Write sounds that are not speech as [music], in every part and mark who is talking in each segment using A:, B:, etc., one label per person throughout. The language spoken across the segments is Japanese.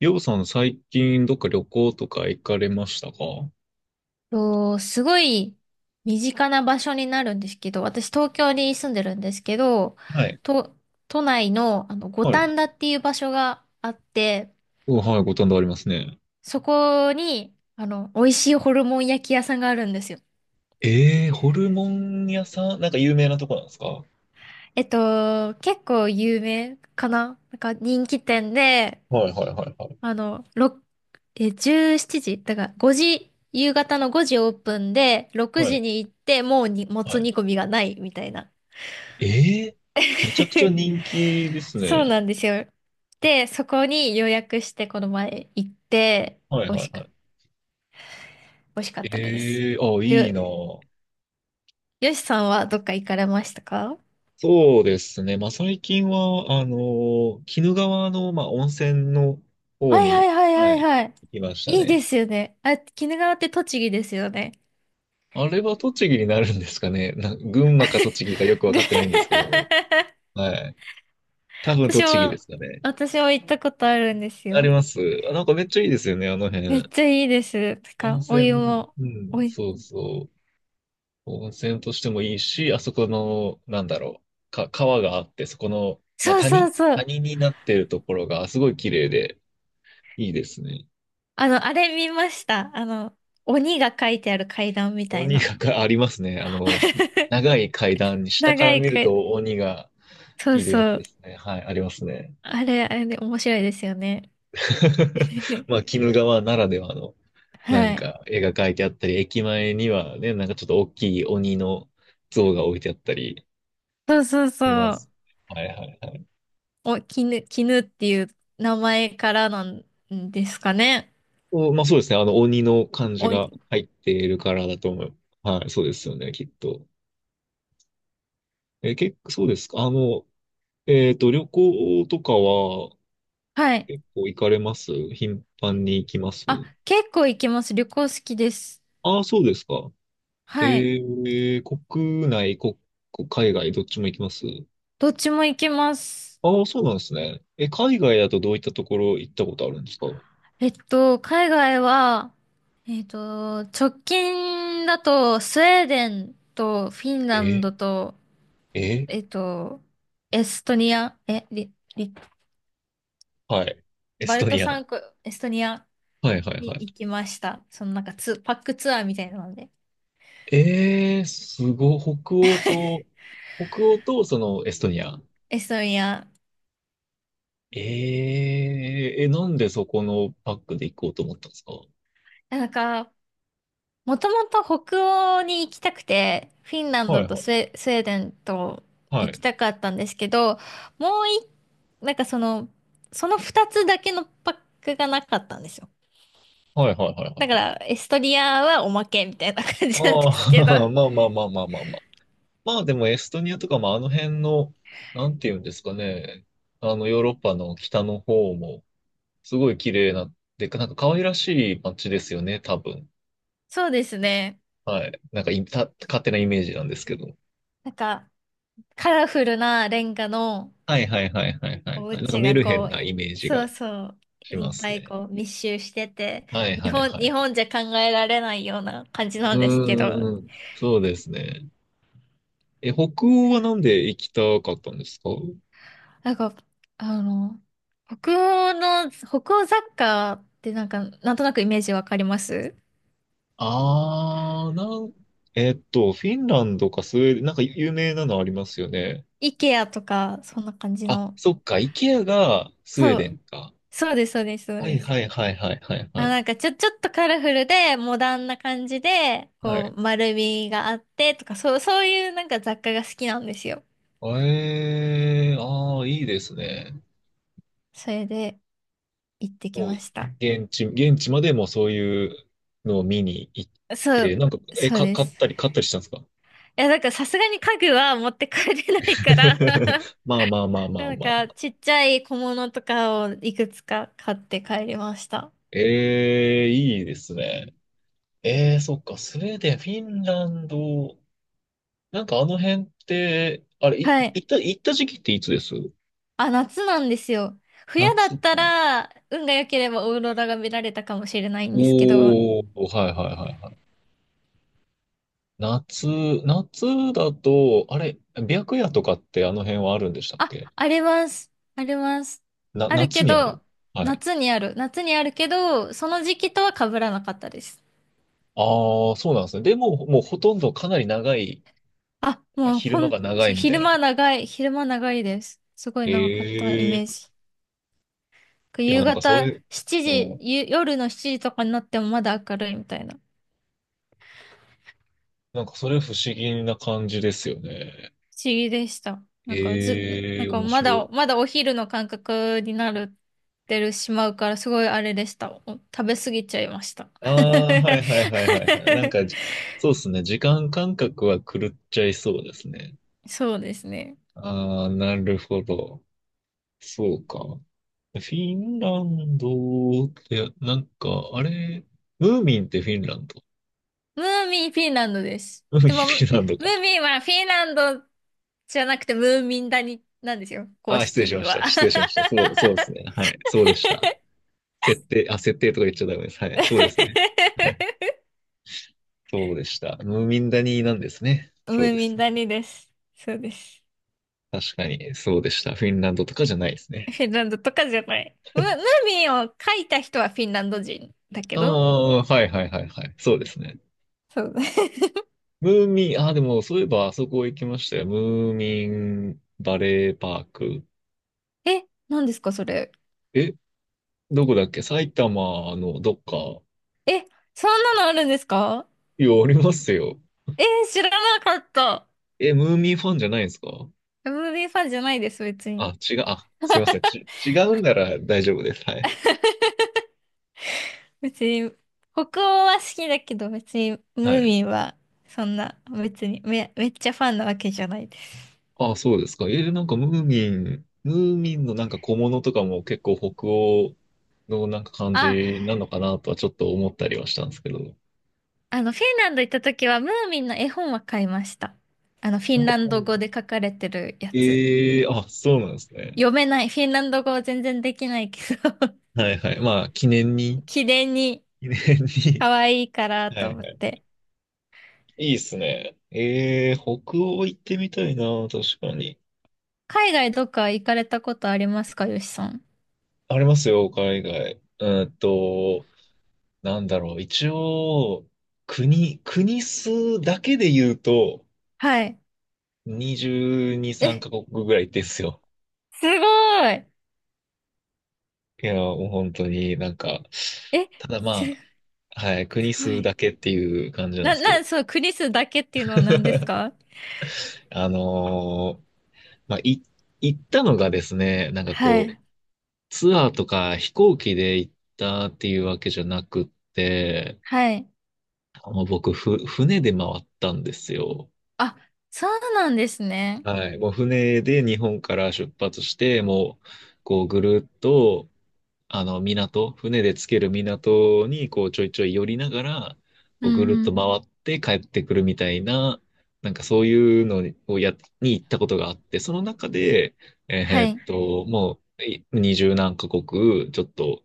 A: ようさん、最近どっか旅行とか行かれましたか？は
B: すごい身近な場所になるんですけど、私東京に住んでるんですけど、
A: い
B: と、都内の、あの五
A: はい。
B: 反田っていう場所があって、
A: うんはい、ご堪能ありますね。
B: そこにあの美味しいホルモン焼き屋さんがあるんですよ。
A: ええー、ホルモン屋さんなんか有名なとこなんですか？は
B: 結構有名かななんか人気店で、
A: いはいはいはい。
B: あの、17時だから夕方の5時オープンで、6
A: は
B: 時
A: い。
B: に行って、もうに、も
A: は
B: つ
A: い。
B: 煮込みがないみたいな。
A: ええー、めちゃくちゃ
B: [laughs]
A: 人気です
B: そう
A: ね。
B: なんですよ。で、そこに予約してこの前行って、
A: はい
B: 美味
A: はい
B: しか
A: は
B: っ
A: い。
B: た、美味しかったです。
A: ええー、あ、いい
B: よ、
A: な。
B: よしさんはどっか行かれましたか？
A: そうですね。まあ、最近は、鬼怒川の、まあ、温泉の方
B: はいはい
A: に、
B: はい
A: は
B: はい
A: い、
B: はい。
A: 行きました
B: いい
A: ね。
B: ですよね。あ、鬼怒川って栃木ですよね。
A: あれは栃木になるんですかね。群馬か栃木かよくわ
B: ぐ
A: かってないんですけ
B: [laughs]
A: ども。はい。多分
B: 私
A: 栃木で
B: も、
A: すかね。
B: 私も行ったことあるんです
A: あり
B: よ。
A: ます。あ、なんかめっちゃいいですよね、あの
B: めっ
A: 辺。
B: ちゃいいです。て
A: 温
B: か、お湯
A: 泉、
B: も、
A: う
B: お
A: ん、
B: い、
A: そうそう。温泉としてもいいし、あそこの、なんだろう。川があって、そこの、まあ、
B: そうそ
A: 谷
B: うそう。
A: 谷になってるところがすごい綺麗で、いいですね。
B: あの、あれ見ました。あの、鬼が書いてある階段みたい
A: 鬼
B: な。
A: が [laughs] ありますね。
B: [laughs]
A: 長い階段に下から
B: 長い
A: 見る
B: く、
A: と鬼が
B: そう
A: いるやつ
B: そう。
A: ですね。はい、ありますね。
B: あれ、あれで面白いですよね。
A: [laughs]
B: [laughs]
A: まあ、鬼怒川ならではの、なん
B: はい。
A: か、絵が描いてあったり、駅前にはね、なんかちょっと大きい鬼の像が置いてあったり
B: そうそう
A: しま
B: そう。
A: す。はいはいはい。
B: 絹っていう名前からなんですかね。
A: お、まあそうですね。鬼の漢字
B: お、
A: が入っているからだと思う。はい、そうですよね、きっと。え、結構、そうですか。旅行とかは、
B: はい。
A: 結構行かれます？頻繁に行きます？
B: あ、結構行きます。旅行好きです。
A: ああ、そうですか。え
B: はい。
A: ー、国内、海外、どっちも行きます？
B: どっちも行きます。
A: ああ、そうなんですね。え、海外だとどういったところ行ったことあるんですか？
B: 海外は、直近だと、スウェーデンとフィンラン
A: え、
B: ドと、
A: え、
B: えっと、エストニア、え、リ、リ
A: はい。エス
B: バ
A: ト
B: ルト
A: ニア。は
B: 三国、エストニア
A: いはいは
B: に行
A: い。
B: きました。そのなんかパックツアーみたいなので。
A: すごい、北欧とそのエストニア。
B: エストニア。
A: え、なんでそこのパックで行こうと思ったんですか？
B: なんか、もともと北欧に行きたくて、フィンラン
A: は
B: ド
A: い
B: と
A: はい。
B: スウェーデンと
A: は
B: 行き
A: い。
B: たかったんですけど、もうい、なんかその二つだけのパックがなかったんですよ。
A: はいはいはいは
B: だ
A: い
B: か
A: はい。
B: ら、エストニアはおまけみたいな感じなん
A: あ
B: ですけど。
A: あ、[laughs] まあまあまあまあまあまあ。まあでもエストニアとか、まああの辺の、なんていうんですかね。あのヨーロッパの北の方もすごい綺麗な、なんか可愛らしい街ですよね、多分。
B: そうですね。
A: はい。なんかいた、勝手なイメージなんですけど。
B: なんか、カラフルなレンガの、
A: はいはいはいはいはい
B: お
A: はい。なんか
B: 家
A: メ
B: が
A: ルヘ
B: こ
A: ン
B: う、
A: な
B: い
A: イメージ
B: そ
A: が
B: うそう、
A: し
B: いっ
A: ま
B: ぱ
A: す
B: い
A: ね。
B: こう密集してて、
A: はいはいは
B: 日
A: い。
B: 本じゃ考えられないような感じ
A: う
B: なんですけ
A: ーん
B: ど、
A: そうですね。え、北欧はなんで行きたかったんですか？
B: なんか、あの、北欧雑貨ってなんか、なんとなくイメージわかります？
A: あー、なん、えっと、フィンランドかスウェーデン、なんか有名なのありますよね。
B: IKEA とか、そんな感じ
A: あ、
B: の。
A: そっか、イケアがスウェー
B: そ
A: デ
B: う、
A: ンか。
B: そうです、そうです、そう
A: は
B: で
A: い
B: す、
A: はいはいはいはいは
B: あ、
A: い。
B: なんかちょっとカラフルで、モダンな感じで、
A: は
B: こ
A: い
B: う、丸みがあってとか、そういうなんか雑貨が好きなんですよ。
A: ええああ、いいですね。
B: それで、行ってき
A: もう、
B: ました。
A: 現地までもうそういうのを見に行っ
B: そ
A: て、
B: う、
A: なんか、え、
B: そうで
A: 買っ
B: す。
A: たり、買ったりしたんですか？
B: いや、なんかさすがに家具は持って帰れないから
A: [laughs]
B: [laughs]
A: まあまあまあまあ
B: なん
A: ま
B: か
A: あ。
B: ちっちゃい小物とかをいくつか買って帰りました。
A: ええいいですね。ええそっか、スウェーデン、フィンランド、なんかあの辺って、あれ、い
B: は
A: 行
B: い。
A: った、行った時期っていつです？
B: あ、夏なんですよ。
A: 夏
B: 冬だった
A: か。
B: ら、運が良ければオーロラが見られたかもしれないんですけど。
A: おお、はいはいはいはい。夏、夏だと、あれ、白夜とかってあの辺はあるんでしたっ
B: あ、
A: け？
B: あります。あります。ある
A: 夏
B: け
A: にある？
B: ど、
A: はい。
B: 夏にある。夏にあるけど、その時期とは被らなかったです。
A: ああ、そうなんですね。でも、もうほとんどかなり長い、
B: あ、もう
A: 昼
B: ほ
A: 間
B: ん、
A: が長いみたいな感じ。
B: 昼間長いです。すごい長かったイメ
A: え
B: ー
A: え
B: ジ。
A: いや、
B: 夕
A: なんかそ
B: 方
A: れ、
B: 7
A: う
B: 時、
A: ん。
B: 夜の7時とかになってもまだ明るいみたいな。
A: なんかそれ不思議な感じですよね。
B: 不思議でした。なんかず、
A: え
B: なん
A: え
B: か
A: 面白い。
B: まだお昼の感覚になる、てるしまうからすごいあれでした。お食べ過ぎちゃいました。
A: あ
B: [laughs]
A: あ、はいはいはいはいはい。なんかじ、そうですね。時間感覚は狂っちゃいそうですね。
B: そうですね。
A: ああ、なるほど。そうか。フィンランドって、なんか、あれ、ムーミンってフィンランド？
B: ムーミンフィンランドです。
A: フィ
B: でも、
A: ンランド
B: ム
A: か。
B: ーミンはフィンランドじゃなくて、ムーミン谷なんですよ、公
A: あー、失礼し
B: 式
A: まし
B: は。
A: た。失礼しました。そう、そうですね。はい。そうでした。設定とか言っちゃダメです。はい。そうですね。
B: [laughs]
A: はい。そうでした。ムーミンダニーなんですね。
B: ム
A: そう
B: ー
A: で
B: ミ
A: す。
B: ン谷です。そうです。
A: 確かに、そうでした。フィンランドとかじゃないです
B: フ
A: ね。
B: ィンランドとかじゃない。ムーミンを書いた人はフィンランド人だけ
A: あ
B: ど。
A: あ、はいはいはいはい。そうですね。
B: そう。
A: ムーミン、ああ、でも、そういえば、あそこ行きましたよ。ムーミンバレーパーク。
B: [laughs] え、何ですか、それ。
A: え、どこだっけ？埼玉のどっか。
B: え、そんなのあるんですか？
A: いや、ありますよ。
B: えー知らなかった。
A: え、ムーミンファンじゃないんですか？
B: ムーミンファンじゃないです、別
A: あ、
B: に。
A: 違う、あ、すみません。違うなら大丈夫です。はい。
B: 別に、北欧は好きだけど、別にム
A: は
B: ー
A: い。
B: ミンは、そんな、別にめ、めっちゃファンなわけじゃないです。
A: あ、そうですか。なんかムーミンのなんか小物とかも結構北欧のなんか感
B: あ
A: じなのかなとはちょっと思ったりはしたんですけど。
B: あの、フィンランド行った時は、ムーミンの絵本は買いました。あの、フィン
A: あ
B: ランド語で書かれてるやつ。
A: ええあ、そうなんですね。
B: 読めない。フィンランド語は全然できないけど
A: はいはい。まあ、記念に、
B: [laughs] 記念に
A: 記念に。
B: 可愛いか
A: [laughs]
B: ら
A: は
B: と
A: い
B: 思っ
A: はい。
B: て。
A: いいっすね。ええ北欧行ってみたいな、確かに。
B: 海外どっか行かれたことありますか、よしさん。
A: ありますよ、海外。なんだろう、一応、国数だけで言うと、
B: はい。
A: 22、3
B: え、
A: カ国ぐらいですよ。
B: すごい。
A: いや、もう本当になんか、
B: え、
A: ただま
B: す
A: あ、はい、国
B: ご
A: 数
B: い。
A: だけっていう感じなんですけど。
B: そう、クリスだけっていうのは何です
A: [laughs]
B: か？
A: あのーまあ、行ったのがですね、なんか
B: は
A: こ
B: い。
A: う、ツアーとか飛行機で行ったっていうわけじゃなくって、
B: はい。
A: あの僕、船で回ったんですよ。
B: あ、そうなんですね。
A: はい。もう船で日本から出発して、もう、こうぐるっと、あの、港、船でつける港に、こうちょいちょい寄りながら、
B: う
A: こ
B: ん
A: うぐるっ
B: う
A: と
B: ん。
A: 回って帰ってくるみたいな、なんかそういうのをに行ったことがあって、その中で、
B: はい。
A: もう、二十何カ国、ちょっと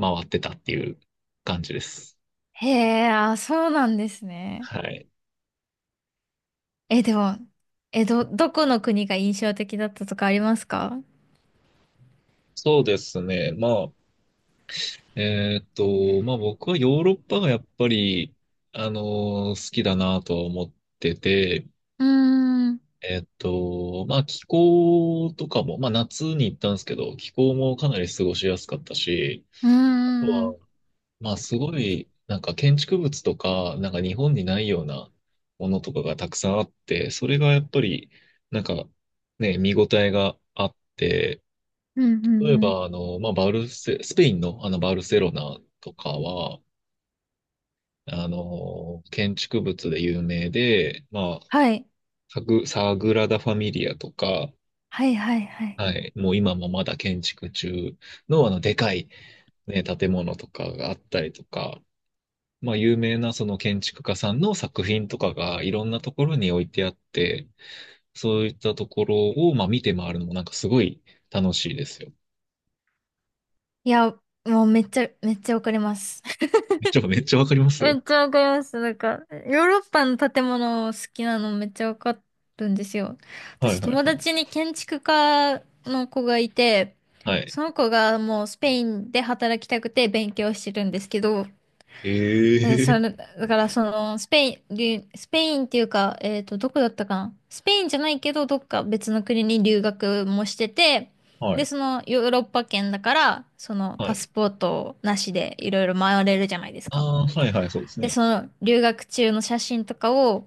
A: 回ってたっていう感じです。
B: へえ、あ、そうなんですね。
A: はい。
B: え、でも、え、どこの国が印象的だったとかありますか？
A: そうですね。まあ、まあ、僕はヨーロッパがやっぱり、あの好きだなとは思ってて、
B: うーん、う
A: まあ、気候とかも、まあ、夏に行ったんですけど、気候もかなり過ごしやすかったし、
B: ー
A: あと
B: ん、うん、
A: は、まあ、すごい、なんか建築物とか、なんか日本にないようなものとかがたくさんあって、それがやっぱり、なんか、ね、見応えがあって、
B: うん、うん
A: 例え
B: うん。
A: ば、あの、まあ、バルセ、スペインのあのバルセロナとかは、あの、建築物で有名で、まあ、
B: はい、
A: サグラダ・ファミリアとか、
B: はい、はい、はい。
A: はい、もう今もまだ建築中のあの、でかい、ね、建物とかがあったりとか、まあ、有名なその建築家さんの作品とかがいろんなところに置いてあって、そういったところを、まあ、見て回るのもなんかすごい楽しいですよ。
B: いや、もうめっちゃ、めっちゃわかります。[laughs]
A: めっちゃ、めっちゃわかります？
B: めっちゃわかります。なんか、ヨーロッパの建物好きなのめっちゃわかるんですよ。
A: はい
B: 私、
A: はい
B: 友
A: はい。
B: 達に建築家の子がいて、
A: はい。
B: その子がもうスペインで働きたくて勉強してるんですけど、え、そ
A: ええ
B: れ、だからスペイン、留スペインっていうか、どこだったかな。スペインじゃないけど、どっか別の国に留学もしてて、
A: は
B: で、
A: い。
B: ヨーロッパ圏だから、
A: は
B: パス
A: い。
B: ポートなしでいろいろ回れるじゃないです
A: あ
B: か。
A: あ、はいはい、そうです
B: で、
A: ね。
B: 留学中の写真とかを、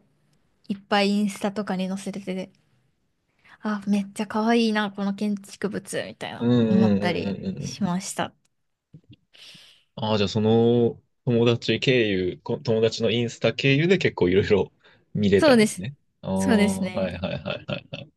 B: いっぱいインスタとかに載せてて、あ、めっちゃ可愛いな、この建築物、みたい
A: う
B: な、
A: んう
B: 思っ
A: んう
B: たり
A: んうんう
B: し
A: ん
B: ました。
A: ああ、じゃあその友達経由、友達のインスタ経由で結構いろいろ見れ
B: そ
A: た
B: う
A: んで
B: で
A: す
B: す。
A: ね。あ
B: そうで
A: あ、
B: すね。
A: はいはいはいはいはい。